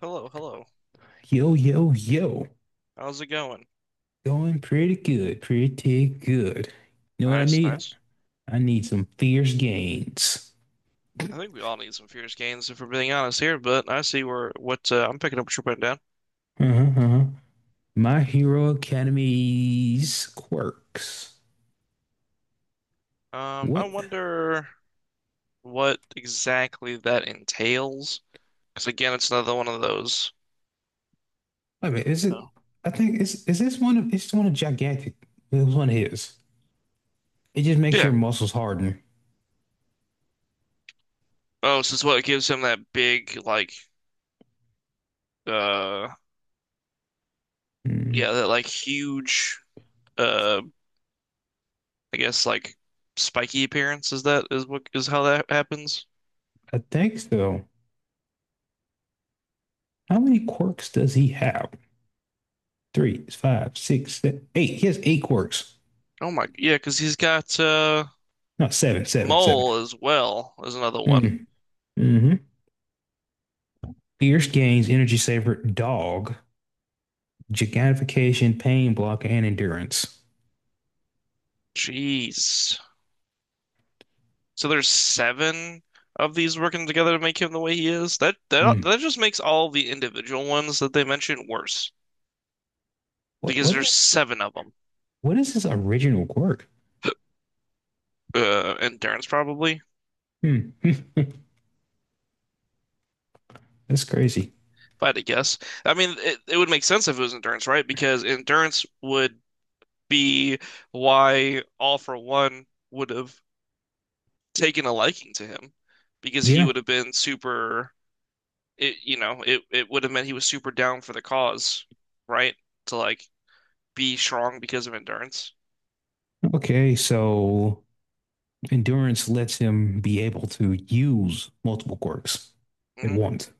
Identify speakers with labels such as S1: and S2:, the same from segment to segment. S1: Hello, hello.
S2: Yo, yo, yo.
S1: How's it going?
S2: Going pretty good, pretty good. You know what I
S1: Nice,
S2: need?
S1: nice.
S2: I need some fierce gains.
S1: I think we all need some fierce gains if we're being honest here, but I see where what I'm picking up what you're putting down.
S2: Uh-huh, uh-huh. My Hero Academy's quirks.
S1: I
S2: What? Wait
S1: wonder what exactly that entails, because again, it's another one of those.
S2: a minute, is it?
S1: Oh.
S2: I think is this one of it's one of gigantic. It was one of his. It just makes your
S1: Yeah.
S2: muscles harden.
S1: Oh, so it's what gives him that uh,
S2: Hmm,
S1: yeah, that like uh, I guess like spiky appearance. Is that is what is How that happens?
S2: I think so. How many quirks does he have? Three, five, six, eight. He has eight quirks.
S1: Oh my, yeah, because he's got
S2: No, seven, seven, seven.
S1: mole as well as another one.
S2: Mm, mhm. Pierce gains energy saver, dog, gigantification, pain block, and endurance.
S1: Jeez. So there's seven of these working together to make him the way he is. That that
S2: Hmm.
S1: that just makes all the individual ones that they mentioned worse
S2: What
S1: because
S2: what
S1: there's
S2: is
S1: seven of them.
S2: what is his original quirk?
S1: Endurance probably, if
S2: Hmm. That's crazy.
S1: I had to guess. I mean, it would make sense if it was endurance, right? Because endurance would be why All for One would have taken a liking to him because he
S2: Yeah.
S1: would have been super. It, you know, it would have meant he was super down for the cause, right? To like be strong because of endurance.
S2: Okay. So endurance lets him be able to use multiple quirks at
S1: hmm
S2: once.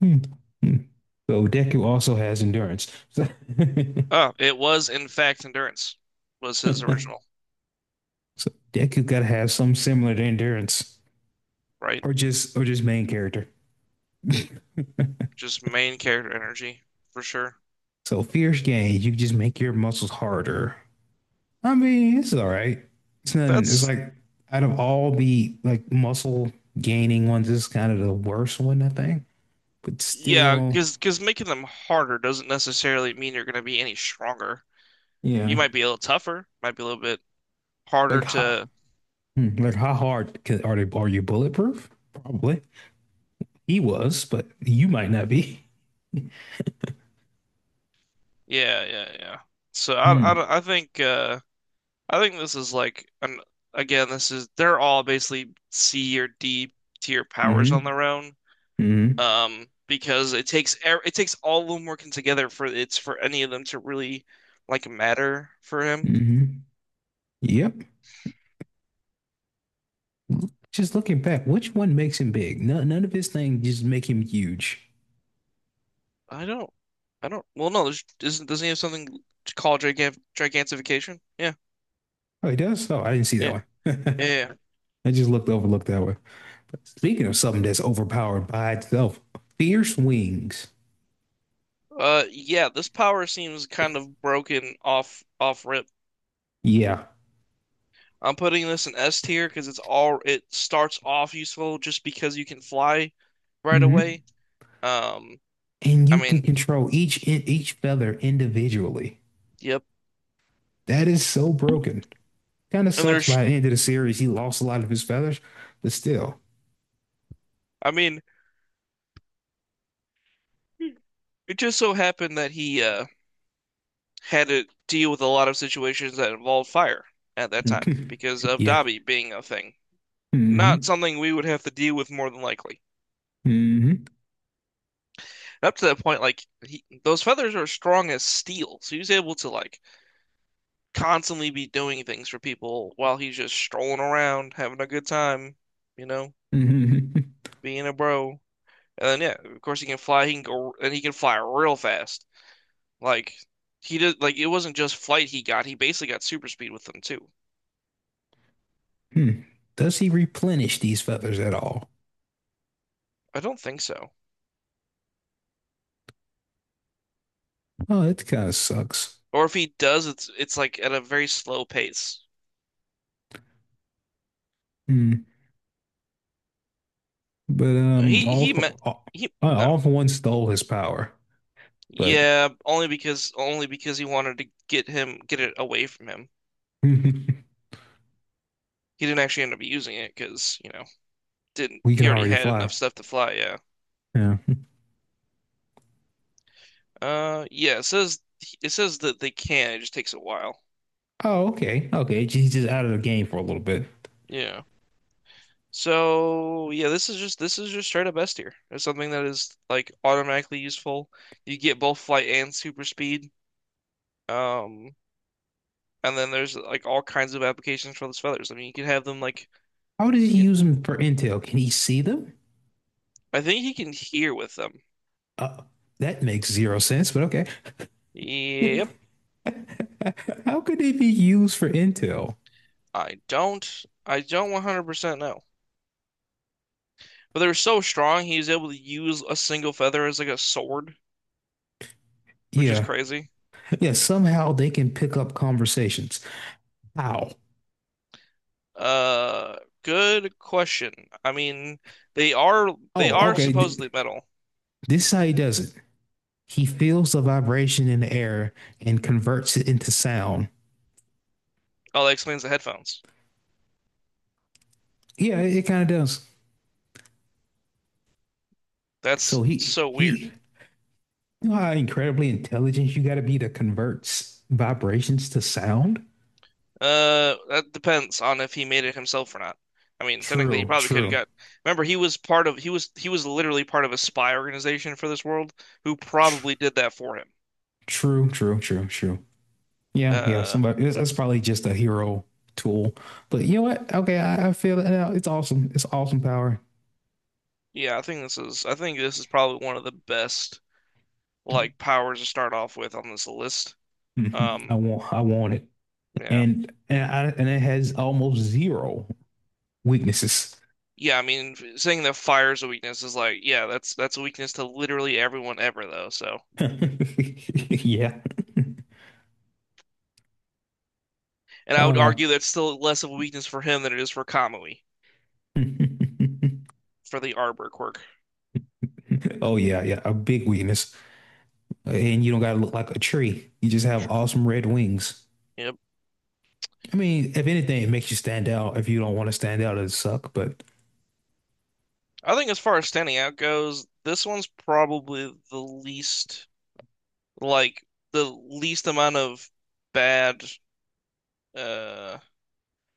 S2: Hmm. Hmm. So Deku also has endurance. So,
S1: Oh, it was in fact endurance was his
S2: so
S1: original,
S2: Deku gotta have some similar to endurance,
S1: right?
S2: or just main character.
S1: Just main character energy for sure.
S2: So fierce gains, you just make your muscles harder. I mean, it's all right. It's nothing. It's
S1: That's
S2: like out of all the like muscle gaining ones, this is kind of the worst one, I think. But
S1: Yeah,
S2: still,
S1: because making them harder doesn't necessarily mean you're going to be any stronger. You
S2: yeah.
S1: might be a little tougher, might be a little bit harder
S2: Like how,
S1: to
S2: hmm, like how hard can, are they? Are you bulletproof? Probably. He was, but you might not be.
S1: yeah, yeah, yeah. So I,
S2: Hmm.
S1: don't- I think this is like an again this is they're all basically C or D tier powers on
S2: Hmm.
S1: their own.
S2: Hmm.
S1: Because it takes all of them working together for it's for any of them to really like matter for him.
S2: Hmm. Yep. Just looking back, which one makes him big? None, none of his things just make him huge.
S1: I don't, I don't. Well, no, isn't doesn't he have something to call gigantification? Yeah,
S2: Oh, he does? Oh, I didn't see that
S1: yeah,
S2: one.
S1: yeah. Yeah. Yeah.
S2: It just looked overlooked that way. But speaking of something that's overpowered by itself, fierce wings.
S1: Yeah. This power seems kind of broken off rip.
S2: Yeah.
S1: I'm putting this in S tier because it starts off useful just because you can fly right
S2: Mm-hmm.
S1: away. Um,
S2: And
S1: I
S2: you can
S1: mean,
S2: control each feather individually.
S1: yep.
S2: That is so broken. Kind of
S1: And
S2: sucks by the end of the series. He lost a lot of his feathers, but still.
S1: I mean, it just so happened that he had to deal with a lot of situations that involved fire at that time because of
S2: yeah.
S1: Dobby being a thing. Not
S2: Mm-hmm.
S1: something we would have to deal with more than likely.
S2: Mm-hmm.
S1: And up to that point, like he, those feathers are strong as steel, so he was able to like constantly be doing things for people while he's just strolling around, having a good time, you know,
S2: Mm-hmm.
S1: being a bro. And then, yeah, of course he can fly. He can go and he can fly real fast. Like he did. Like it wasn't just flight he got. He basically got super speed with them too.
S2: Hmm. Does he replenish these feathers at all?
S1: I don't think so.
S2: Oh, that kind of sucks.
S1: Or if he does, it's like at a very slow pace.
S2: Hmm. But all
S1: He
S2: for
S1: met
S2: all,
S1: he
S2: all
S1: No.
S2: for one stole his power. But
S1: Yeah, only because he wanted to get it away from him.
S2: we
S1: He didn't actually end up using it because, you know, didn't
S2: can
S1: he already
S2: already
S1: had
S2: fly.
S1: enough stuff to fly, yeah.
S2: Yeah.
S1: Yeah, it says that they can, it just takes a while.
S2: Oh, okay. Okay. He's just out of the game for a little bit.
S1: Yeah. So yeah, this is just straight up S tier. It's something that is like automatically useful. You get both flight and super speed. Um And then there's like all kinds of applications for those feathers. I mean, you can have them like
S2: How does he
S1: you can-
S2: use them for intel? Can he see them?
S1: I think he can hear with them.
S2: Uh, that makes zero sense, but okay.
S1: Yep,
S2: How could they be used for intel?
S1: I don't 100% know. But they were so strong, he was able to use a single feather as like a sword, which is
S2: Yeah.
S1: crazy.
S2: Yeah. Somehow they can pick up conversations. How?
S1: Uh, Good question. I mean, they
S2: Oh,
S1: are
S2: okay.
S1: supposedly metal.
S2: This is how he does it. He feels the vibration in the air and converts it into sound.
S1: Oh, that explains the headphones.
S2: Yeah, it kind of does. So
S1: That's
S2: he
S1: so weird.
S2: he you know how incredibly intelligent you got to be to convert vibrations to sound?
S1: That depends on if he made it himself or not. I mean, technically, he
S2: True,
S1: probably could have
S2: true,
S1: got. Remember, he was part of he was literally part of a spy organization for this world who
S2: tr-
S1: probably did that for him.
S2: true, true, true, true. Yeah, yeah.
S1: Uh,
S2: Somebody that's probably just a hero tool. But you know what? Okay, I feel it now. It's awesome. It's awesome power.
S1: yeah, I think this is probably one of the best like powers to start off with on this list.
S2: Mhm.
S1: Um,
S2: I want it.
S1: yeah,
S2: And and it has almost zero weaknesses.
S1: yeah. I mean, saying that fire's a weakness is like, yeah, that's a weakness to literally everyone ever though. So,
S2: Yeah.
S1: and I would
S2: Uh
S1: argue that's still less of a weakness for him than it is for Kamui for the Arbor quirk.
S2: oh yeah, yeah. A big weakness. And you don't gotta look like a tree. You just have awesome red wings.
S1: Yep.
S2: I mean, if anything, it makes you stand out. If you don't want to stand out, it suck. But
S1: I think as far as standing out goes, this one's probably the least like the least amount of bad uh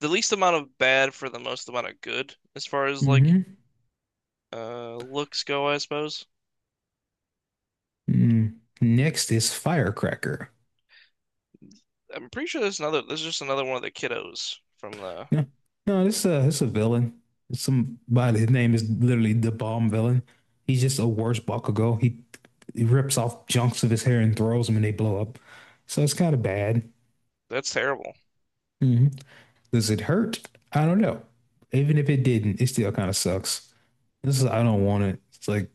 S1: the least amount of bad for the most amount of good as far as like
S2: mm-hmm.
S1: looks go, I suppose.
S2: Mm. Next is Firecracker.
S1: I'm pretty sure there's just another one of the kiddos from the
S2: No, no, this is a villain. Somebody. His name is literally the bomb villain. He's just a worse Bakugo. He rips off chunks of his hair and throws them, and they blow up. So it's kind of bad.
S1: that's terrible.
S2: Mm-hmm. Does it hurt? I don't know. Even if it didn't, it still kind of sucks. This is I don't want it. It's like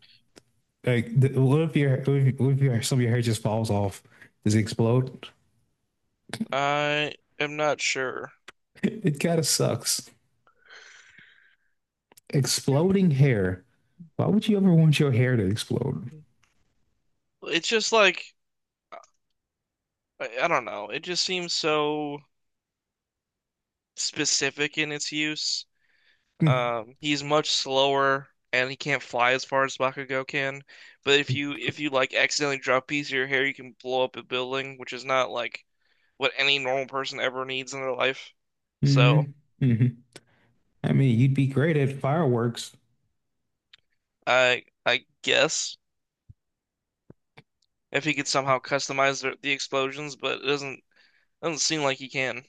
S2: Like, what if your what if your, some of your hair just falls off? Does it explode?
S1: I am not sure.
S2: It kind of sucks. Exploding hair. Why would you ever want your hair to explode?
S1: It's just like I don't know. It just seems so specific in its use.
S2: hmm
S1: He's much slower and he can't fly as far as Bakugo can. But if you like accidentally drop a piece of your hair, you can blow up a building, which is not like what any normal person ever needs in their life.
S2: hmm
S1: So
S2: I mean, you'd be great at fireworks.
S1: I guess if he could somehow customize the explosions, but it doesn't seem like he can.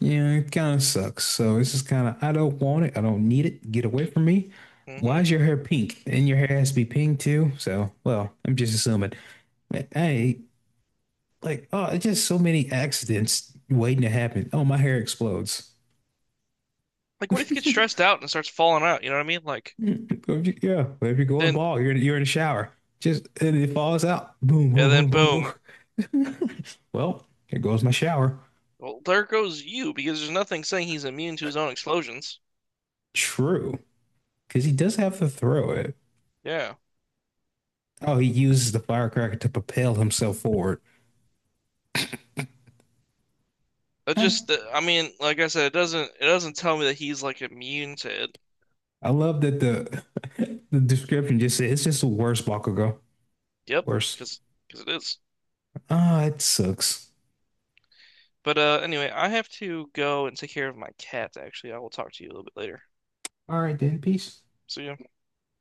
S2: Yeah, it kind of sucks. So it's just kind of, I don't want it. I don't need it. Get away from me. Why
S1: hmm
S2: is your hair pink? And your hair has to be pink too. So, well, I'm just assuming. Hey, like, oh, it's just so many accidents waiting to happen. Oh, my hair explodes.
S1: Like what if he gets stressed out and starts falling out? You know what I mean? Like
S2: Mm, yeah, if you're going
S1: then
S2: bald, you're in the shower. Just and it falls out. Boom, boom,
S1: and then
S2: boom, boom,
S1: boom.
S2: boom. Well, here goes my shower.
S1: Well, there goes you because there's nothing saying he's immune to his own explosions.
S2: True, because he does have to throw it.
S1: Yeah.
S2: Oh, he uses the firecracker to propel himself forward.
S1: It
S2: Um,
S1: just, I mean, like I said, it doesn't tell me that he's like immune to it.
S2: I love that the the description just said it's just the worst Bakugo.
S1: Yep,
S2: Worst.
S1: because it is.
S2: Ah, it sucks.
S1: But anyway, I have to go and take care of my cat, actually. I will talk to you a little bit later.
S2: All right then, peace.
S1: See ya.